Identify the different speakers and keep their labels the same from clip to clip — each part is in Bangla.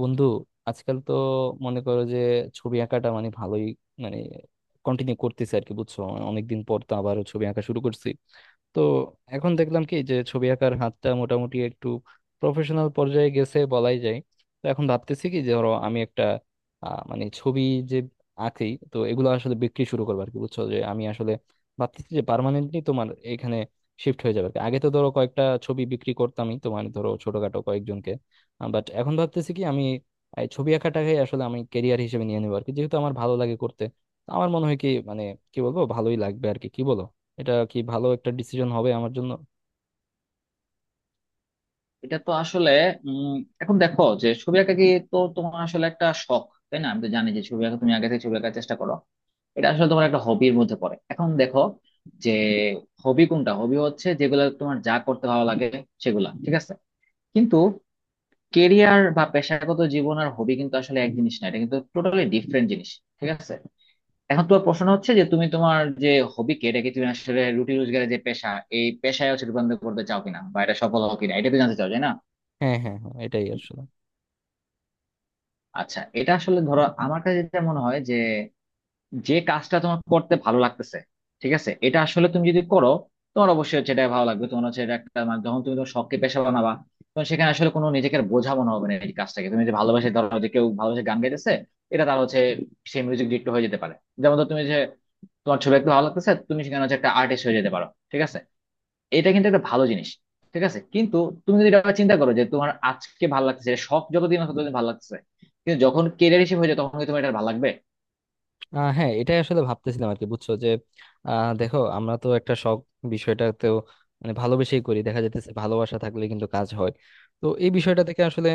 Speaker 1: বন্ধু, আজকাল তো মনে করো যে ছবি আঁকাটা মানে ভালোই, মানে কন্টিনিউ করতেছে আর কি, বুঝছো? মানে অনেকদিন পর তো আবারও ছবি আঁকা শুরু করছি। তো এখন দেখলাম কি যে ছবি আঁকার হাতটা মোটামুটি একটু প্রফেশনাল পর্যায়ে গেছে বলাই যায়। তো এখন ভাবতেছি কি যে ধরো আমি একটা মানে ছবি যে আঁকি, তো এগুলো আসলে বিক্রি শুরু করবো আর কি। বুঝছো যে আমি আসলে ভাবতেছি যে পার্মানেন্টলি তোমার এখানে শিফট হয়ে যাবে আর কি। আগে তো ধরো কয়েকটা ছবি বিক্রি করতামই, তোমার ধরো ছোটখাটো কয়েকজনকে। বাট এখন ভাবতেছি কি আমি এই ছবি আঁকাটাকে আসলে আমি কেরিয়ার হিসেবে নিয়ে নেবো আর কি, যেহেতু আমার ভালো লাগে করতে। তো আমার মনে হয় কি, মানে কি বলবো, ভালোই লাগবে আর কি। কি বলো, এটা কি ভালো একটা ডিসিশন হবে আমার জন্য?
Speaker 2: এটা তো আসলে উম এখন দেখো যে ছবি আঁকা কি? তো তোমার আসলে একটা শখ, তাই না? আমি তো জানি যে ছবি আঁকা তুমি আগে থেকে ছবি আঁকার চেষ্টা করো। এটা আসলে তোমার একটা হবির মধ্যে পড়ে। এখন দেখো যে হবি, কোনটা হবি? হচ্ছে যেগুলো তোমার যা করতে ভালো লাগে সেগুলা, ঠিক আছে। কিন্তু কেরিয়ার বা পেশাগত জীবন আর হবি কিন্তু আসলে এক জিনিস না, এটা কিন্তু টোটালি ডিফারেন্ট জিনিস, ঠিক আছে। এখন তোমার প্রশ্ন হচ্ছে যে তুমি তোমার যে হবিকে, এটাকে তুমি আসলে রুটি রোজগারের যে পেশা, এই পেশায় হচ্ছে রূপান্তর করতে চাও কিনা বা এটা সফল হও কিনা, এটা তো জানতে চাও, তাই না?
Speaker 1: হ্যাঁ হ্যাঁ হ্যাঁ, এটাই আসলে।
Speaker 2: আচ্ছা, এটা আসলে ধরো আমার কাছে যেটা মনে হয় যে যে কাজটা তোমার করতে ভালো লাগতেছে, ঠিক আছে, এটা আসলে তুমি যদি করো, তোমার অবশ্যই হচ্ছে এটা ভালো লাগবে। তোমার হচ্ছে এটা একটা মানে যখন তুমি তোমার শখকে পেশা বানাবা, তখন সেখানে আসলে কোনো নিজেকে আর বোঝা মনে হবে না এই কাজটাকে। তুমি যে ভালোবাসে, ধরো যে কেউ ভালোবাসে গান গাইতেছে, এটা তার হচ্ছে সেই মিউজিক ডিরেক্টর হয়ে যেতে পারে। যেমন ধর, তুমি যে তোমার ছবি একটু ভালো লাগতেছে, তুমি সেখানে হচ্ছে একটা আর্টিস্ট হয়ে যেতে পারো, ঠিক আছে। এটা কিন্তু একটা ভালো জিনিস, ঠিক আছে। কিন্তু তুমি যদি এটা চিন্তা করো যে তোমার আজকে ভালো লাগছে, এটা শখ, যতদিন আছে ততদিন ভালো লাগছে, কিন্তু যখন কেরিয়ার হিসেবে হয়ে যায় তখন কি তোমার এটা ভালো লাগবে?
Speaker 1: হ্যাঁ এটাই আসলে ভাবতেছিলাম আর কি, বুঝছো যে দেখো আমরা তো একটা শখ বিষয়টাতেও মানে ভালোবেসেই করি, দেখা যাইতেছে ভালোবাসা থাকলে কিন্তু কাজ হয়। তো এই বিষয়টা থেকে আসলে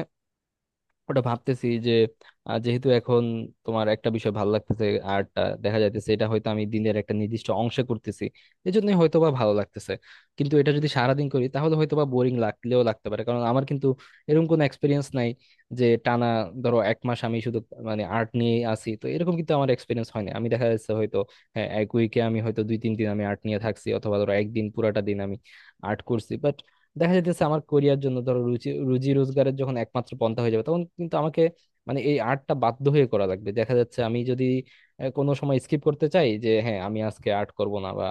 Speaker 1: ওটা ভাবতেছি যে যেহেতু এখন তোমার একটা বিষয় ভালো লাগতেছে, আর্টটা, দেখা যাইতেছে এটা হয়তো আমি দিনের একটা নির্দিষ্ট অংশে করতেছি, এজন্য হয়তো বা ভালো লাগতেছে। কিন্তু এটা যদি সারাদিন করি তাহলে হয়তো বা বোরিং লাগলেও লাগতে পারে, কারণ আমার কিন্তু এরকম কোনো এক্সপিরিয়েন্স নাই যে টানা ধরো এক মাস আমি শুধু মানে আর্ট নিয়ে আসি, তো এরকম কিন্তু আমার এক্সপিরিয়েন্স হয় না। আমি দেখা যাচ্ছে হয়তো, হ্যাঁ, এক উইকে আমি হয়তো 2-3 দিন আমি আর্ট নিয়ে থাকছি, অথবা ধরো একদিন পুরাটা দিন আমি আর্ট করছি। দেখা যাইতেছে আমার কোরিয়ার জন্য ধরো রুচি রুজি রোজগারের যখন একমাত্র পন্থা হয়ে যাবে তখন কিন্তু আমাকে মানে এই আর্টটা বাধ্য হয়ে করা লাগবে। দেখা যাচ্ছে আমি যদি কোনো সময় স্কিপ করতে চাই যে হ্যাঁ আমি আজকে আর্ট করব না, বা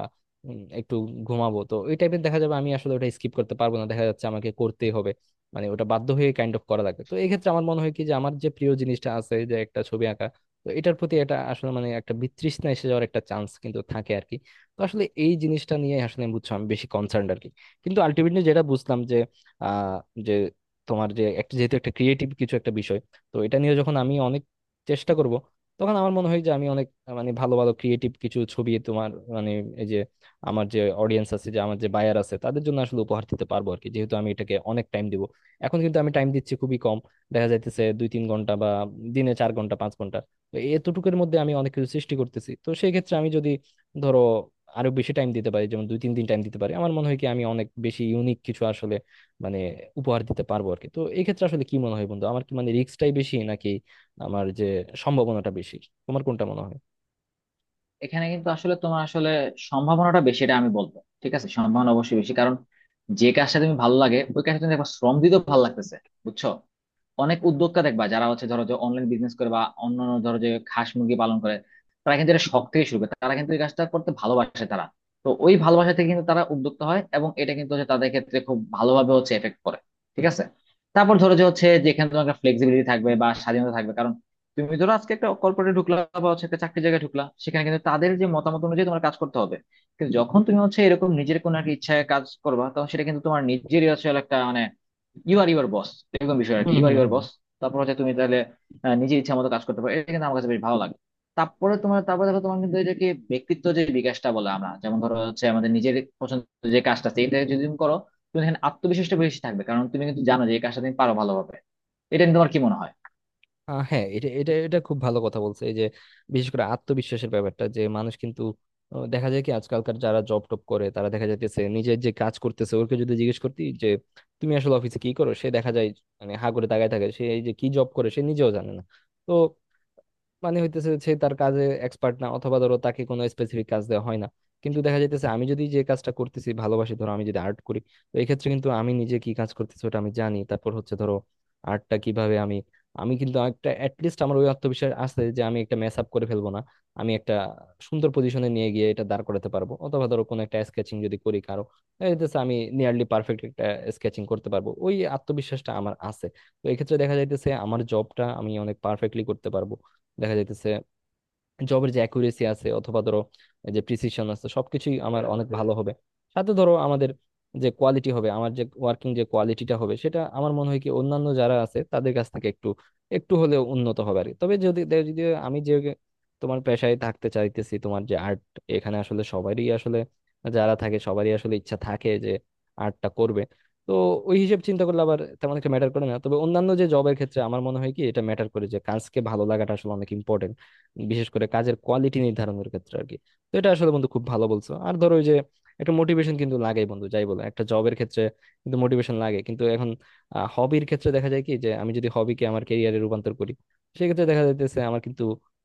Speaker 1: একটু ঘুমাবো, তো ওই টাইপের দেখা যাবে আমি আসলে ওটা স্কিপ করতে পারবো না। দেখা যাচ্ছে আমাকে করতেই হবে, মানে ওটা বাধ্য হয়ে কাইন্ড অফ করা লাগে। তো এই ক্ষেত্রে আমার মনে হয় কি যে আমার যে প্রিয় জিনিসটা আছে, যে একটা ছবি আঁকা, তো এটার প্রতি এটা আসলে মানে একটা বিতৃষ্ণা এসে যাওয়ার একটা চান্স কিন্তু থাকে আর কি। তো আসলে এই জিনিসটা নিয়ে আসলে আমি, বুঝছো, আমি বেশি কনসার্ন আর কি। কিন্তু আলটিমেটলি যেটা বুঝলাম যে, আহ যে তোমার যে একটা, যেহেতু একটা ক্রিয়েটিভ কিছু একটা বিষয়, তো এটা নিয়ে যখন আমি অনেক চেষ্টা করব তখন আমার মনে হয় যে আমি অনেক মানে ভালো ভালো ক্রিয়েটিভ কিছু ছবি তোমার, মানে এই যে আমার যে অডিয়েন্স আছে, যে আমার যে বায়ার আছে, তাদের জন্য আসলে উপহার দিতে পারবো আর কি, যেহেতু আমি এটাকে অনেক টাইম দিব। এখন কিন্তু আমি টাইম দিচ্ছি খুবই কম, দেখা যাইতেছে 2-3 ঘন্টা বা দিনে 4 ঘন্টা 5 ঘন্টা। তো এতটুকুর মধ্যে আমি অনেক কিছু সৃষ্টি করতেছি, তো সেই ক্ষেত্রে আমি যদি ধরো আরো বেশি টাইম দিতে পারি, যেমন 2-3 দিন টাইম দিতে পারি, আমার মনে হয় কি আমি অনেক বেশি ইউনিক কিছু আসলে মানে উপহার দিতে পারবো আর কি। তো এই ক্ষেত্রে আসলে কি মনে হয় বন্ধু, আমার কি মানে রিস্কটাই বেশি, নাকি আমার যে সম্ভাবনাটা বেশি? তোমার কোনটা মনে হয়?
Speaker 2: এখানে কিন্তু আসলে তোমার আসলে সম্ভাবনাটা বেশি, এটা আমি বলবো। ঠিক আছে, সম্ভাবনা অবশ্যই বেশি, কারণ যে কাজটা তুমি ভালো লাগে ওই কাজটা তুমি একবার শ্রম দিতেও ভালো লাগতেছে, বুঝছো। অনেক উদ্যোক্তা দেখবা যারা হচ্ছে ধরো যে অনলাইন বিজনেস করে বা অন্যান্য, ধরো যে হাঁস মুরগি পালন করে, তারা কিন্তু এটা শখ থেকে শুরু করে, তারা কিন্তু এই কাজটা করতে ভালোবাসে তারা। তো ওই ভালোবাসা থেকে কিন্তু তারা উদ্যোক্তা হয়, এবং এটা কিন্তু হচ্ছে তাদের ক্ষেত্রে খুব ভালোভাবে হচ্ছে এফেক্ট করে, ঠিক আছে। তারপর ধরো যে হচ্ছে যেখানে তোমার একটা ফ্লেক্সিবিলিটি থাকবে বা স্বাধীনতা থাকবে, কারণ তুমি ধরো আজকে একটা কর্পোরেটে ঢুকলা বা হচ্ছে একটা চাকরি জায়গায় ঢুকলা, সেখানে কিন্তু তাদের যে মতামত অনুযায়ী তোমার কাজ করতে হবে। কিন্তু যখন তুমি হচ্ছে এরকম নিজের কোনো একটা ইচ্ছায় কাজ করবা, তখন সেটা কিন্তু তোমার নিজেরই আসলে একটা মানে ইউ আর ইউর বস, এরকম বিষয় আর কি,
Speaker 1: হুম
Speaker 2: you are
Speaker 1: hmm
Speaker 2: your
Speaker 1: hmm.
Speaker 2: Boss. তারপর হচ্ছে তুমি তাহলে নিজের ইচ্ছা মতো কাজ করতে পারো, এটা কিন্তু আমার কাছে বেশ ভালো লাগে। তারপরে তোমার, তারপরে দেখো তোমার কিন্তু এটাকে ব্যক্তিত্ব যে বিকাশটা বলে আমরা, যেমন ধরো হচ্ছে আমাদের নিজের পছন্দের যে কাজটা আছে এটা যদি তুমি করো, তুমি এখানে আত্মবিশ্বাসটা বেশি থাকবে, কারণ তুমি কিন্তু জানো যে এই কাজটা তুমি পারো ভালোভাবে। এটা নিয়ে তোমার কি মনে হয়?
Speaker 1: হ্যাঁ, এটা এটা এটা খুব ভালো কথা বলছে, এই যে বিশেষ করে আত্মবিশ্বাসের ব্যাপারটা, যে মানুষ কিন্তু, দেখা যায় কি আজকালকার যারা জব টপ করে তারা দেখা যাইতেছে নিজের যে কাজ করতেছে ওকে যদি জিজ্ঞেস করতি যে তুমি আসলে অফিসে কি করো, সে দেখা যায় মানে হা করে তাকায় থাকে। সে এই যে কি জব করে সে নিজেও জানে না। তো মানে হইতেছে সে তার কাজে এক্সপার্ট না, অথবা ধরো তাকে কোনো স্পেসিফিক কাজ দেওয়া হয় না। কিন্তু দেখা যাইতেছে আমি যদি যে কাজটা করতেছি ভালোবাসি, ধরো আমি যদি আর্ট করি, তো এই ক্ষেত্রে কিন্তু আমি নিজে কি কাজ করতেছি ওটা আমি জানি। তারপর হচ্ছে ধরো আর্টটা কিভাবে আমি, কিন্তু একটা অ্যাটলিস্ট আমার ওই আত্মবিশ্বাস আছে যে আমি একটা মেস আপ করে ফেলবো না, আমি একটা সুন্দর পজিশনে নিয়ে গিয়ে এটা দাঁড় করাতে পারবো। অথবা ধরো কোনো একটা স্কেচিং যদি করি কারো, দেখা যাইতেছে আমি নিয়ারলি পারফেক্ট একটা স্কেচিং করতে পারবো, ওই আত্মবিশ্বাসটা আমার আছে। তো এক্ষেত্রে দেখা যাইতেছে আমার জবটা আমি অনেক পারফেক্টলি করতে পারবো। দেখা যাইতেছে জবের যে অ্যাকুরেসি আছে, অথবা ধরো এই যে প্রিসিশন আছে, সবকিছুই আমার অনেক ভালো হবে। সাথে ধরো আমাদের যে কোয়ালিটি হবে, আমার যে ওয়ার্কিং যে কোয়ালিটিটা হবে, সেটা আমার মনে হয় কি অন্যান্য যারা আছে তাদের কাছ থেকে একটু একটু হলেও উন্নত হবে আর কি। তবে যদি আমি যে তোমার পেশায় থাকতে চাইতেছি, তোমার যে আর্ট, এখানে আসলে সবারই আসলে যারা থাকে সবারই আসলে ইচ্ছা থাকে যে আর্টটা করবে। তো ওই হিসেব চিন্তা করলে আবার তেমন একটা ম্যাটার করে না। তবে অন্যান্য যে জবের ক্ষেত্রে আমার মনে হয় কি এটা ম্যাটার করে, যে কাজকে ভালো লাগাটা আসলে অনেক ইম্পর্টেন্ট, বিশেষ করে কাজের কোয়ালিটি নির্ধারণের ক্ষেত্রে আর কি। তো এটা আসলে বন্ধু খুব ভালো বলছো। আর ধরো ওই যে একটা মোটিভেশন কিন্তু লাগেই বন্ধু, যাই বলো, একটা জবের ক্ষেত্রে কিন্তু মোটিভেশন লাগে। কিন্তু এখন হবির ক্ষেত্রে দেখা যায় কি যে আমি যদি হবিকে আমার ক্যারিয়ারে রূপান্তর করি, সেক্ষেত্রে দেখা যাইতেছে আমার কিন্তু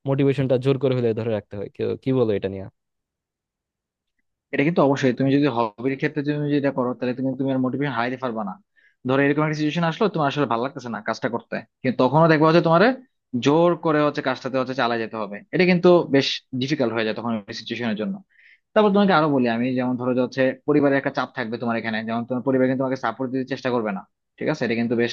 Speaker 1: মোটিভেশনটা জোর করে হলে ধরে রাখতে হয়। কি বলো এটা নিয়ে?
Speaker 2: এটা কিন্তু অবশ্যই তুমি যদি হবির ক্ষেত্রে তুমি যেটা করো, তাহলে তুমি তুমি আর মোটিভেশন হারাইতে পারবা না। ধরো এরকম একটা সিচুয়েশন আসলো, তোমার আসলে ভালো লাগতেছে না কাজটা করতে, কিন্তু তখনও দেখবা হচ্ছে তোমার জোর করে হচ্ছে কাজটাতে হচ্ছে চালা যেতে হবে, এটা কিন্তু বেশ ডিফিকাল্ট হয়ে যায় তখন সিচুয়েশনের জন্য। তারপর তোমাকে আরো বলি আমি, যেমন ধরো যে হচ্ছে পরিবারের একটা চাপ থাকবে তোমার এখানে, যেমন তোমার পরিবার কিন্তু তোমাকে সাপোর্ট দিতে চেষ্টা করবে না, ঠিক আছে। এটা কিন্তু বেশ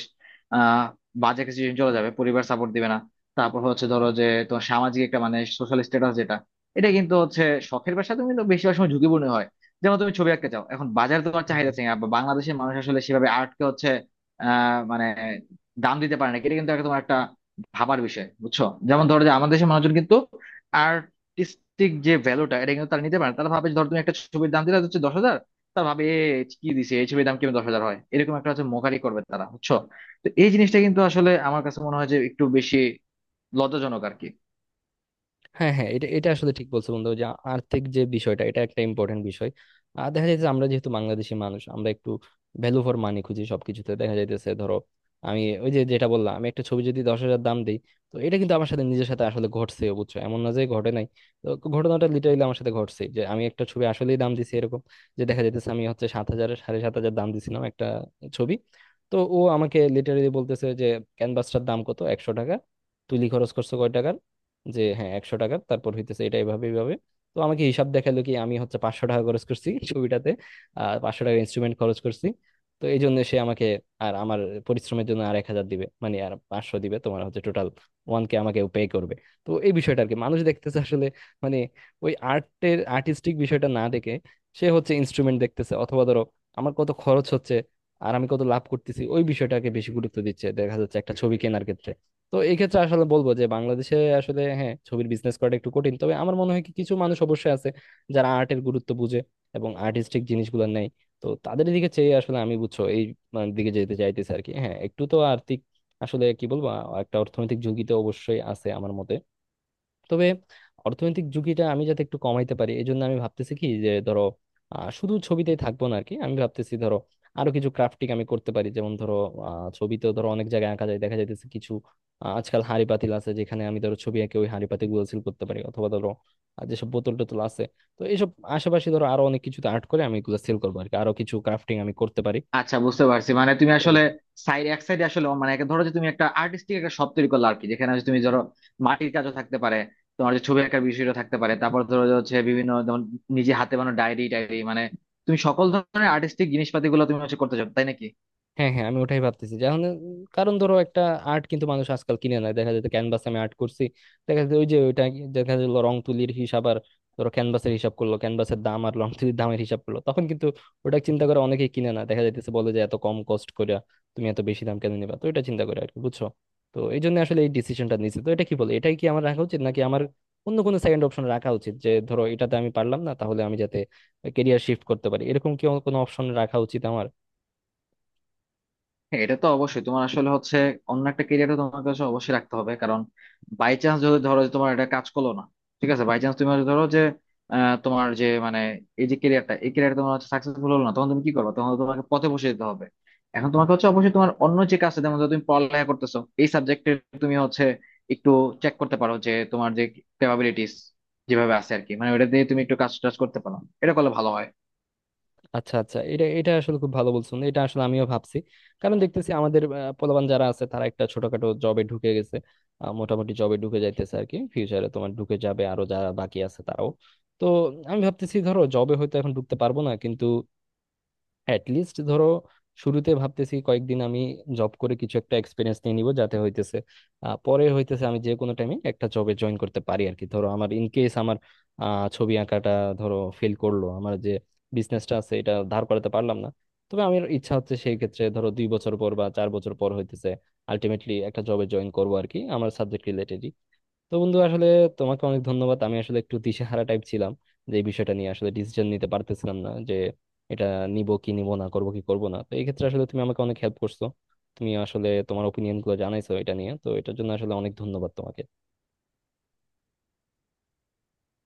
Speaker 2: আহ বাজে একটা সিচুয়েশন চলে যাবে, পরিবার সাপোর্ট দিবে না। তারপর হচ্ছে ধরো যে তোমার সামাজিক একটা মানে সোশ্যাল স্ট্যাটাস যেটা, এটা কিন্তু হচ্ছে শখের পেশা, তুমি কিন্তু বেশিরভাগ সময় ঝুঁকিপূর্ণ হয়। যেমন তুমি ছবি আঁকতে চাও, এখন বাজারে তোমার চাহিদা আছে না, বা বাংলাদেশের মানুষ আসলে সেভাবে আর্টকে হচ্ছে মানে দাম দিতে পারে না, এটা কিন্তু একটা তোমার একটা ভাবার বিষয়, বুঝছো। যেমন ধরো যে আমাদের দেশের মানুষজন কিন্তু আর্টিস্টিক যে ভ্যালুটা এটা কিন্তু তারা নিতে পারে না। তারা ভাবে যে ধর তুমি একটা ছবির দাম দিলে হচ্ছে 10,000, তারা ভাবে, এ, কি দিছে এই ছবির, দাম কেমন 10,000 হয়, এরকম একটা হচ্ছে মোকারি করবে তারা, বুঝছো। তো এই জিনিসটা কিন্তু আসলে আমার কাছে মনে হয় যে একটু বেশি লজ্জাজনক আর কি।
Speaker 1: হ্যাঁ হ্যাঁ, এটা এটা আসলে ঠিক বলছো বন্ধু, যে আর্থিক যে বিষয়টা, এটা একটা ইম্পর্টেন্ট বিষয়। আর দেখা যাচ্ছে আমরা যেহেতু বাংলাদেশি মানুষ আমরা একটু ভ্যালু ফর মানি খুঁজি সবকিছুতে। দেখা যাইতেছে ধরো আমি ওই যে যেটা বললাম, আমি একটা ছবি যদি 10,000 দাম দিই, তো এটা কিন্তু আমার সাথে, নিজের সাথে আসলে ঘটছে, বুঝছো? এমন না যে ঘটে নাই। তো ঘটনাটা লিটারালি আমার সাথে ঘটছে, যে আমি একটা ছবি আসলেই দাম দিছি এরকম। যে দেখা যাইতেছে আমি হচ্ছে 7,000 7,500 দাম দিছিলাম একটা ছবি। তো ও আমাকে লিটারালি বলতেছে যে ক্যানভাসটার দাম কত, 100 টাকা? তুলি খরচ করছো কয় টাকা? যে হ্যাঁ 100 টাকা, তারপর হইতেছে এটা এভাবে এইভাবে। তো আমাকে হিসাব দেখালো কি আমি হচ্ছে 500 টাকা খরচ করছি এই ছবিটাতে, আর 500 টাকা ইনস্ট্রুমেন্ট খরচ করছি। তো এই জন্য সে আমাকে, আর আমার পরিশ্রমের জন্য আর 1,000 দিবে, মানে আর 500 দিবে, তোমার হচ্ছে টোটাল ওয়ান কে আমাকে পে করবে। তো এই বিষয়টা আর কি, মানুষ দেখতেছে আসলে মানে ওই আর্টের আর্টিস্টিক বিষয়টা না দেখে সে হচ্ছে ইনস্ট্রুমেন্ট দেখতেছে, অথবা ধরো আমার কত খরচ হচ্ছে আর আমি কত লাভ করতেছি ওই বিষয়টাকে বেশি গুরুত্ব দিচ্ছে, দেখা যাচ্ছে, একটা ছবি কেনার ক্ষেত্রে। তো এই ক্ষেত্রে আসলে বলবো যে বাংলাদেশে আসলে হ্যাঁ ছবির বিজনেস করাটা একটু কঠিন। তবে আমার মনে হয় কি কিছু মানুষ অবশ্যই আছে যারা আর্টের গুরুত্ব বুঝে এবং আর্টিস্টিক জিনিসগুলো নেয়। তো তাদের দিকে চেয়ে আসলে আমি, বুঝছো, এই মানে দিকে যেতে চাইতেছি আর কি। হ্যাঁ একটু তো আর্থিক, আসলে কি বলবো, একটা অর্থনৈতিক ঝুঁকি তো অবশ্যই আছে আমার মতে। তবে অর্থনৈতিক ঝুঁকিটা আমি যাতে একটু কমাইতে পারি, এই জন্য আমি ভাবতেছি কি যে ধরো শুধু ছবিতেই থাকবো না আর কি। আমি ভাবতেছি ধরো আরো কিছু ক্রাফটিং আমি করতে পারি, যেমন ধরো ছবিতেও ধরো অনেক জায়গায় আঁকা যায়। দেখা যাইতেছে কিছু, আজকাল হাঁড়ি পাতিল আছে যেখানে আমি ধরো ছবি এঁকে ওই হাঁড়ি পাতিল গুলো সিল করতে পারি, অথবা ধরো আর যেসব বোতল টোতল আছে। তো এইসব আশেপাশে ধরো আরো অনেক কিছুতে আর্ট করে আমি এগুলো সেল করবো আর কি। আরো কিছু ক্রাফটিং আমি করতে পারি।
Speaker 2: আচ্ছা, বুঝতে পারছি, মানে তুমি আসলে সাইড, এক সাইডে আসলে মানে একে ধরো যে তুমি একটা আর্টিস্টিক একটা শপ তৈরি করলে আর কি, যেখানে হচ্ছে তুমি ধরো মাটির কাজও থাকতে পারে, তোমার যে ছবি আঁকার বিষয়টা থাকতে পারে, তারপর ধরো যে হচ্ছে বিভিন্ন, যেমন নিজে হাতে বানানো ডায়েরি টায়েরি, মানে তুমি সকল ধরনের আর্টিস্টিক জিনিসপাতি গুলো তুমি হচ্ছে করতে চাও তাই নাকি?
Speaker 1: হ্যাঁ হ্যাঁ, আমি ওটাই ভাবতেছি, যেমন, কারণ ধরো একটা আর্ট কিন্তু মানুষ আজকাল কিনে না। দেখা যেত ক্যানভাসে আমি আর্ট করছি, দেখা যেত ওই যে ওইটা, দেখা গেল রং তুলির হিসাব, আর ধরো ক্যানভাসের হিসাব করলো, ক্যানভাসের দাম আর রং তুলির দামের হিসাব করলো, তখন কিন্তু ওটা চিন্তা করে অনেকেই কিনে না। দেখা যাইতেছে বলে যে এত কম কস্ট করে তুমি এত বেশি দাম কেন নিবা, তো এটা চিন্তা করে আর কি, বুঝছো? তো এই জন্য আসলে এই ডিসিশনটা নিয়েছি। তো এটা কি বলে এটাই কি আমার রাখা উচিত, নাকি আমার অন্য কোনো সেকেন্ড অপশন রাখা উচিত যে ধরো এটাতে আমি পারলাম না তাহলে আমি যাতে কেরিয়ার শিফট করতে পারি, এরকম কি কোনো অপশন রাখা উচিত আমার?
Speaker 2: হ্যাঁ, এটা তো অবশ্যই তোমার আসলে হচ্ছে অন্য একটা কেরিয়ার তোমার কাছে অবশ্যই রাখতে হবে, কারণ বাই চান্স যদি ধরো যে তোমার এটা কাজ করলো না, ঠিক আছে, বাই চান্স তুমি হয়তো ধরো যে তোমার যে মানে এই যে কেরিয়ারটা, এই কেরিয়ারটা তোমার হচ্ছে সাকসেসফুল হলো না, তখন তুমি কি করবে? তখন তো তোমাকে পথে বসে যেতে হবে। এখন তোমাকে হচ্ছে অবশ্যই তোমার অন্য যে কাজটা, যেমন ধরো তুমি পড়ালেখা করতেছো এই সাবজেক্টে, তুমি হচ্ছে একটু চেক করতে পারো যে তোমার যে ক্যাপাবিলিটিস যেভাবে আছে আর কি, মানে ওটা দিয়ে তুমি একটু কাজ টাজ করতে পারো, এটা করলে ভালো হয়।
Speaker 1: আচ্ছা আচ্ছা, এটা এটা আসলে খুব ভালো বলছেন। এটা আসলে আমিও ভাবছি, কারণ দেখতেছি আমাদের পোলাপান যারা আছে তারা একটা ছোটখাটো জবে ঢুকে গেছে। মোটামুটি জবে ঢুকে যাইতেছে আর কি, ফিউচারে তোমার ঢুকে যাবে আরো যারা বাকি আছে তারাও। তো আমি ভাবতেছি ধরো জবে হয়তো এখন ঢুকতে পারবো না, কিন্তু লিস্ট ধরো শুরুতে ভাবতেছি কয়েকদিন আমি জব করে কিছু একটা এক্সপিরিয়েন্স নিয়ে নিব, যাতে হইতেছে পরে হইতেছে আমি যে কোনো টাইমে একটা জবে জয়েন করতে পারি আর কি। ধরো আমার, ইন কেস আমার ছবি আঁকাটা ধরো ফেল করলো, আমার যে বিজনেসটা আছে এটা ধার করাতে পারলাম না, তবে আমার ইচ্ছা হচ্ছে সেই ক্ষেত্রে ধরো 2 বছর পর বা 4 বছর পর হইতেছে আলটিমেটলি একটা জবে জয়েন করবো আর কি, আমার সাবজেক্ট রিলেটেড। তো বন্ধু আসলে তোমাকে অনেক ধন্যবাদ। আমি আসলে একটু দিশেহারা টাইপ ছিলাম, যে এই বিষয়টা নিয়ে আসলে ডিসিশন নিতে পারতেছিলাম না যে এটা নিব কি নিব না, করব কি করব না। তো এই ক্ষেত্রে আসলে তুমি আমাকে অনেক হেল্প করছো, তুমি আসলে তোমার ওপিনিয়ন গুলো জানাইছো এটা নিয়ে। তো এটার জন্য আসলে অনেক ধন্যবাদ তোমাকে।